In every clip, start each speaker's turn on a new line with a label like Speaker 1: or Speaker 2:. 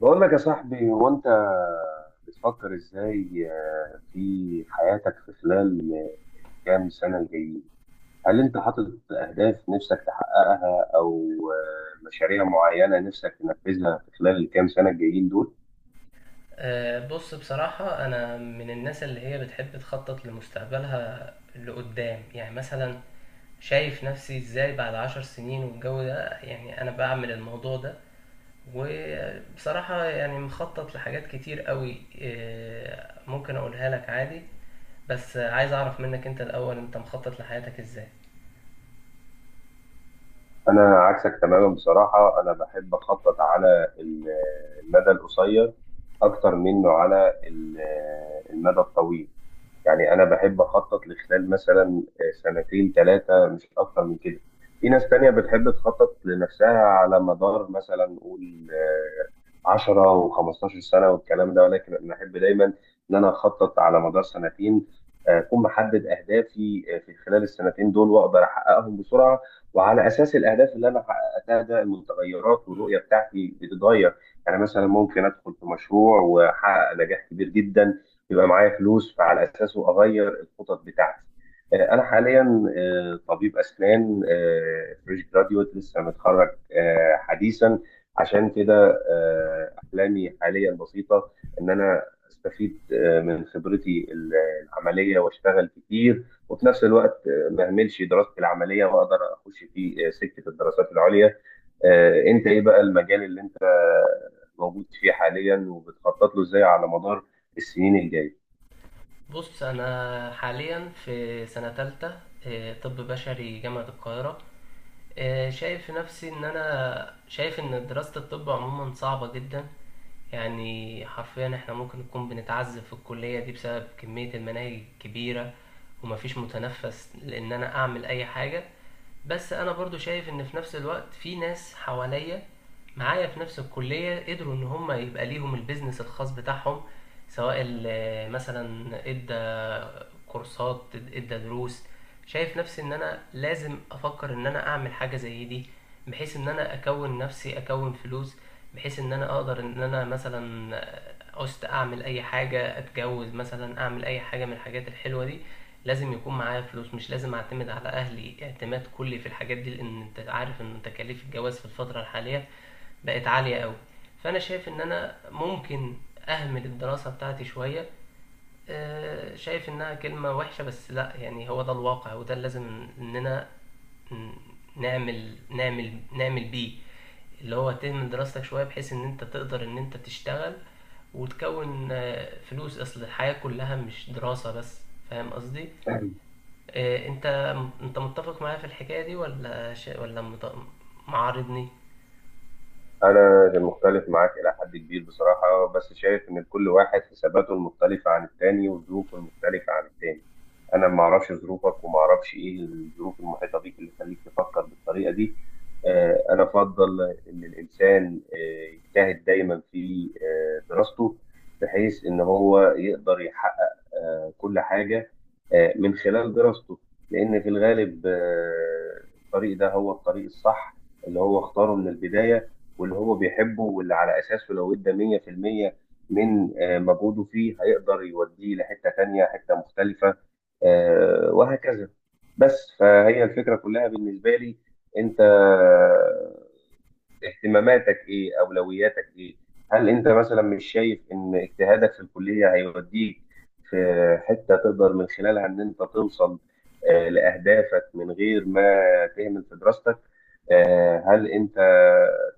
Speaker 1: بقول لك يا صاحبي، هو انت بتفكر ازاي في حياتك في خلال كام سنة الجايين؟ هل انت حاطط اهداف نفسك تحققها، او مشاريع معينة نفسك تنفذها في خلال الكام سنة الجايين دول؟
Speaker 2: بص، بصراحة أنا من الناس اللي هي بتحب تخطط لمستقبلها لقدام. يعني مثلا شايف نفسي إزاي بعد 10 سنين والجو ده، يعني أنا بعمل الموضوع ده. وبصراحة يعني مخطط لحاجات كتير قوي، ممكن أقولها لك عادي. بس عايز أعرف منك أنت الأول، أنت مخطط لحياتك إزاي؟
Speaker 1: انا عكسك تماما بصراحة. انا بحب اخطط على المدى القصير اكتر منه على المدى الطويل. يعني انا بحب اخطط لخلال مثلا سنتين ثلاثه، مش اكتر من كده. في ناس تانية بتحب تخطط لنفسها على مدار مثلا نقول 10 و15 سنه والكلام ده، ولكن انا احب دايما ان انا اخطط على مدار سنتين، اكون محدد اهدافي في خلال السنتين دول واقدر احققهم بسرعه. وعلى اساس الاهداف اللي انا حققتها ده، المتغيرات والرؤيه بتاعتي بتتغير. يعني مثلا ممكن ادخل في مشروع واحقق نجاح كبير جدا، يبقى معايا فلوس، فعلى اساسه اغير الخطط بتاعتي. انا حاليا طبيب اسنان، فريش جراديوت، لسه متخرج حديثا. عشان كده احلامي حاليا بسيطه، ان انا استفيد من خبرتي العمليه واشتغل كتير، وفي نفس الوقت ما اهملش دراستي العمليه واقدر اخش في سكه الدراسات العليا. انت ايه بقى المجال اللي انت موجود فيه حاليا وبتخطط له ازاي على مدار السنين الجايه؟
Speaker 2: بص أنا حاليا في سنة تالتة، طب بشري جامعة القاهرة. شايف في نفسي ان انا شايف ان دراسة الطب عموما صعبة جدا. يعني حرفيا احنا ممكن نكون بنتعذب في الكلية دي بسبب كمية المناهج الكبيرة ومفيش متنفس لان انا اعمل اي حاجة. بس انا برضو شايف ان في نفس الوقت في ناس حواليا معايا في نفس الكلية قدروا ان هم يبقى ليهم البيزنس الخاص بتاعهم، سواء مثلا ادى كورسات، ادى دروس. شايف نفسي ان انا لازم افكر ان انا اعمل حاجة زي دي، بحيث ان انا اكون نفسي، اكون فلوس، بحيث ان انا اقدر ان انا مثلا عوزت اعمل اي حاجة، اتجوز مثلا، اعمل اي حاجة من الحاجات الحلوة دي. لازم يكون معايا فلوس، مش لازم اعتمد على اهلي اعتماد كلي في الحاجات دي، لان انت عارف ان تكاليف الجواز في الفترة الحالية بقت عالية قوي. فانا شايف ان انا ممكن اهمل الدراسة بتاعتي شوية. شايف انها كلمة وحشة، بس لا، يعني هو ده الواقع وده اللي لازم اننا نعمل نعمل نعمل بيه. اللي هو تهمل دراستك شوية بحيث ان انت تقدر ان انت تشتغل وتكون فلوس، اصل الحياة كلها مش دراسة بس. فاهم قصدي؟ إيه، انت، انت متفق معايا في الحكايه دي ولا ولا معارضني؟
Speaker 1: انا مختلف معاك الى حد كبير بصراحه، بس شايف ان كل واحد حساباته المختلفه عن التاني وظروفه المختلفه عن التاني. انا ما اعرفش ظروفك وما اعرفش ايه الظروف المحيطه بيك اللي تخليك تفكر بالطريقه دي. انا افضل ان الانسان يجتهد دايما في دراسته، بحيث ان هو يقدر يحقق كل حاجه من خلال دراسته. لان في الغالب الطريق ده هو الطريق الصح اللي هو اختاره من البدايه، واللي هو بيحبه، واللي على أساسه لو ادى 100% من مجهوده فيه هيقدر يوديه لحتة تانية، حتة مختلفة، وهكذا. بس فهي الفكرة كلها بالنسبة لي. أنت اهتماماتك ايه، اولوياتك ايه؟ هل انت مثلا مش شايف ان اجتهادك في الكليه هيوديك في حته تقدر من خلالها ان انت توصل لاهدافك من غير ما تهمل في دراستك؟ هل انت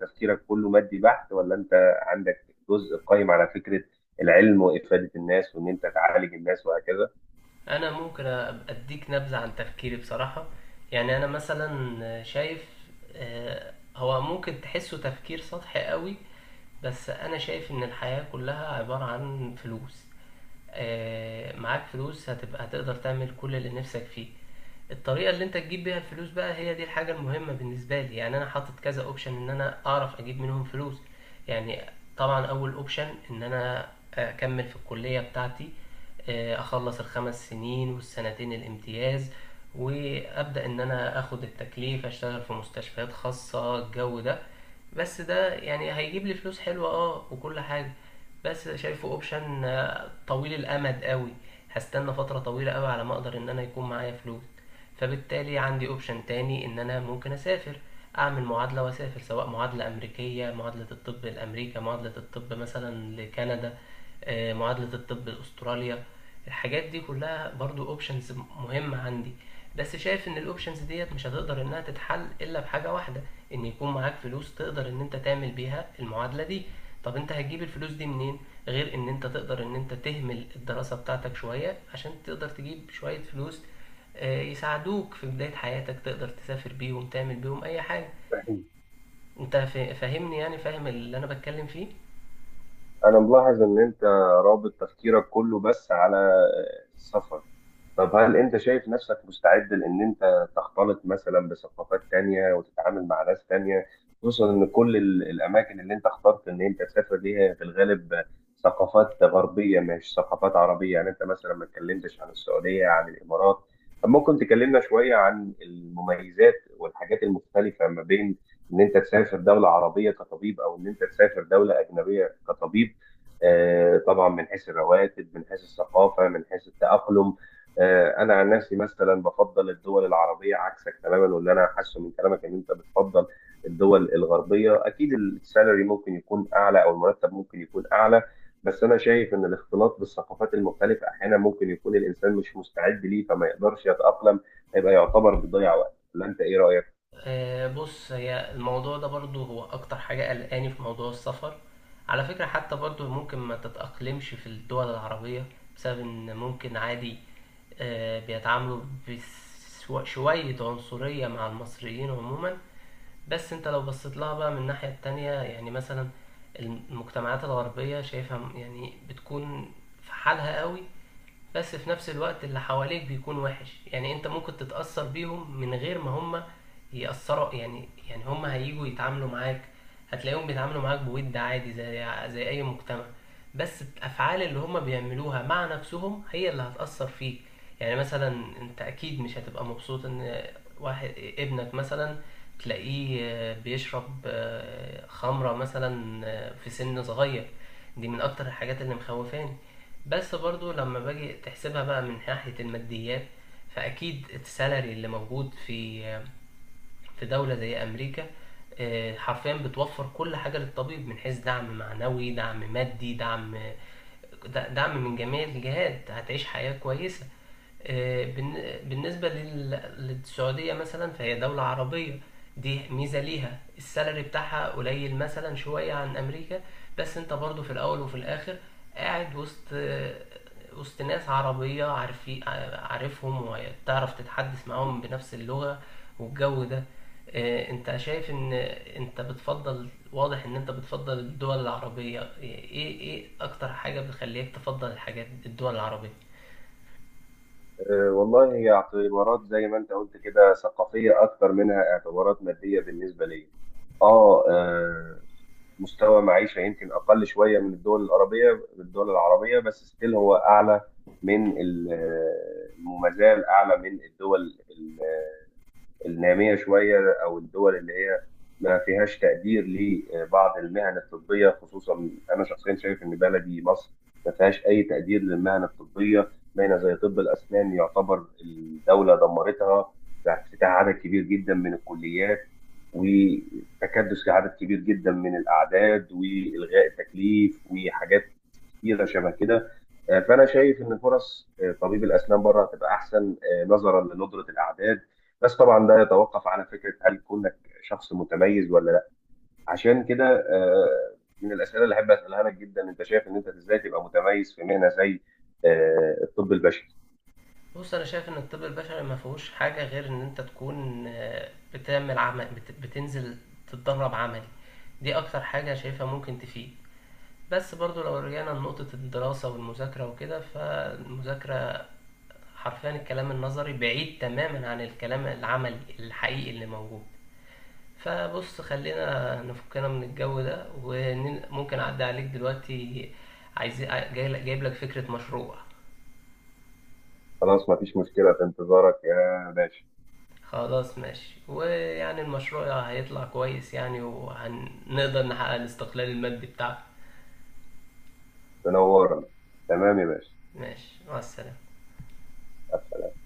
Speaker 1: تفكيرك كله مادي بحت، ولا انت عندك جزء قائم على فكره العلم وافاده الناس وان انت تعالج الناس وهكذا؟
Speaker 2: انا ممكن اديك نبذه عن تفكيري بصراحه. يعني انا مثلا شايف، هو ممكن تحسه تفكير سطحي قوي، بس انا شايف ان الحياه كلها عباره عن فلوس. معاك فلوس هتبقى هتقدر تعمل كل اللي نفسك فيه. الطريقه اللي انت تجيب بيها الفلوس بقى هي دي الحاجه المهمه بالنسبه لي. يعني انا حاطط كذا اوبشن ان انا اعرف اجيب منهم فلوس. يعني طبعا اول اوبشن ان انا اكمل في الكليه بتاعتي، اخلص 5 سنين والسنتين الامتياز، وابدا ان انا اخد التكليف، اشتغل في مستشفيات خاصه، الجو ده. بس ده يعني هيجيب لي فلوس حلوه اه وكل حاجه، بس شايفه اوبشن طويل الامد قوي، هستنى فتره طويله قوي على ما اقدر ان انا يكون معايا فلوس. فبالتالي عندي اوبشن تاني ان انا ممكن اسافر، اعمل معادلة واسافر، سواء معادلة امريكية، معادلة الطب لامريكا، معادلة الطب مثلا لكندا، معادلة الطب لاستراليا. الحاجات دي كلها برضو اوبشنز مهمة عندي. بس شايف ان الاوبشنز ديت مش هتقدر انها تتحل الا بحاجة واحدة، ان يكون معاك فلوس تقدر ان انت تعمل بيها المعادلة دي. طب انت هتجيب الفلوس دي منين غير ان انت تقدر ان انت تهمل الدراسة بتاعتك شوية عشان تقدر تجيب شوية فلوس، يساعدوك في بداية حياتك، تقدر تسافر بيهم، تعمل بيهم أي حاجة. أنت فاهمني، يعني فاهم اللي أنا بتكلم فيه؟
Speaker 1: انا ملاحظ ان انت رابط تفكيرك كله بس على السفر. طب هل انت شايف نفسك مستعد لان انت تختلط مثلا بثقافات تانية وتتعامل مع ناس تانية، خصوصا ان كل الاماكن اللي انت اخترت ان انت تسافر ليها في الغالب ثقافات غربية مش ثقافات عربية؟ يعني انت مثلا ما اتكلمتش عن السعودية، عن الامارات. طب ممكن تكلمنا شوية عن المميزات والحاجات المختلفة ما بين ان انت تسافر دولة عربية كطبيب او ان انت تسافر دولة اجنبية كطبيب؟ طبعا من حيث الرواتب، من حيث الثقافة، من حيث التأقلم. انا عن نفسي مثلا بفضل الدول العربيه عكسك تماما، واللي انا حاسه من كلامك ان انت بتفضل الدول الغربيه. اكيد السالري ممكن يكون اعلى، او المرتب ممكن يكون اعلى، بس انا شايف ان الاختلاط بالثقافات المختلفه احيانا ممكن يكون الانسان مش مستعد ليه فما يقدرش يتاقلم، هيبقى يعتبر بيضيع وقت. ولا انت ايه رايك؟
Speaker 2: بص، هي الموضوع ده برضو هو أكتر حاجة قلقاني في موضوع السفر. على فكرة، حتى برضو ممكن ما تتأقلمش في الدول العربية بسبب إن ممكن عادي بيتعاملوا بشوية عنصرية مع المصريين عموما. بس انت لو بصيت لها بقى من الناحية التانية، يعني مثلا المجتمعات الغربية شايفها يعني بتكون في حالها قوي. بس في نفس الوقت اللي حواليك بيكون وحش، يعني انت ممكن تتأثر بيهم من غير ما هم يأثروا. يعني هم هيجوا يتعاملوا معاك، هتلاقيهم بيتعاملوا معاك بود عادي، زي اي مجتمع. بس الافعال اللي هم بيعملوها مع نفسهم هي اللي هتأثر فيك. يعني مثلا انت اكيد مش هتبقى مبسوط ان واحد، ابنك مثلا، تلاقيه بيشرب خمرة مثلا في سن صغير. دي من اكتر الحاجات اللي مخوفاني. بس برضو لما باجي تحسبها بقى من ناحية الماديات، فأكيد السالري اللي موجود في دولة زي أمريكا، حرفيا بتوفر كل حاجة للطبيب من حيث دعم معنوي، دعم مادي، دعم، دعم من جميع الجهات. هتعيش حياة كويسة. بالنسبة للسعودية مثلا، فهي دولة عربية، دي ميزة ليها. السالري بتاعها قليل مثلا شوية عن أمريكا، بس أنت برضو في الأول وفي الآخر قاعد وسط وسط ناس عربية، عارفين، عارفهم وتعرف تتحدث معاهم بنفس اللغة، والجو ده. أنت شايف إن أنت بتفضل، واضح إن أنت بتفضل الدول العربية. إيه أكتر حاجة بتخليك تفضل الحاجات الدول العربية؟
Speaker 1: أه والله، هي اعتبارات زي ما انت قلت كده ثقافيه اكتر منها اعتبارات ماديه بالنسبه لي. اه آه، مستوى معيشة يمكن أقل شوية من الدول العربية. الدول العربية بس ستيل هو أعلى من وما زال أعلى من الدول النامية شوية، أو الدول اللي هي ما فيهاش تقدير لبعض المهن الطبية. خصوصا أنا شخصيا شايف إن بلدي مصر ما فيهاش أي تقدير للمهن الطبية، باينة زي طب الأسنان يعتبر الدولة دمرتها بافتتاح عدد كبير جدا من الكليات، وتكدس لعدد كبير جدا من الأعداد، وإلغاء التكليف، وحاجات كتيره شبه كده. فانا شايف ان فرص طبيب الاسنان بره هتبقى احسن نظرا لندره الاعداد. بس طبعا ده يتوقف على فكره، هل كونك شخص متميز ولا لا. عشان كده من الاسئله اللي احب اسالها لك جدا، انت شايف ان انت ازاي تبقى متميز في مهنه زي الطب البشري؟
Speaker 2: بص انا شايف ان الطب البشري ما فيهوش حاجه غير ان انت تكون بتعمل عمل، بتنزل تتدرب عملي. دي اكتر حاجه شايفها ممكن تفيد. بس برضو لو رجعنا لنقطه الدراسه والمذاكره وكده، فالمذاكره حرفيا الكلام النظري بعيد تماما عن الكلام العملي الحقيقي اللي موجود. فبص خلينا نفكنا من الجو ده، وممكن اعدي عليك دلوقتي. عايز جايب لك فكره مشروع.
Speaker 1: خلاص، مفيش مشكله، في انتظارك يا باشا.
Speaker 2: خلاص ماشي، ويعني المشروع هيطلع كويس يعني، وهنقدر نحقق الاستقلال المادي بتاعنا.
Speaker 1: تنورنا. تمام يا باشا.
Speaker 2: ماشي، مع السلامة.
Speaker 1: مع السلامة.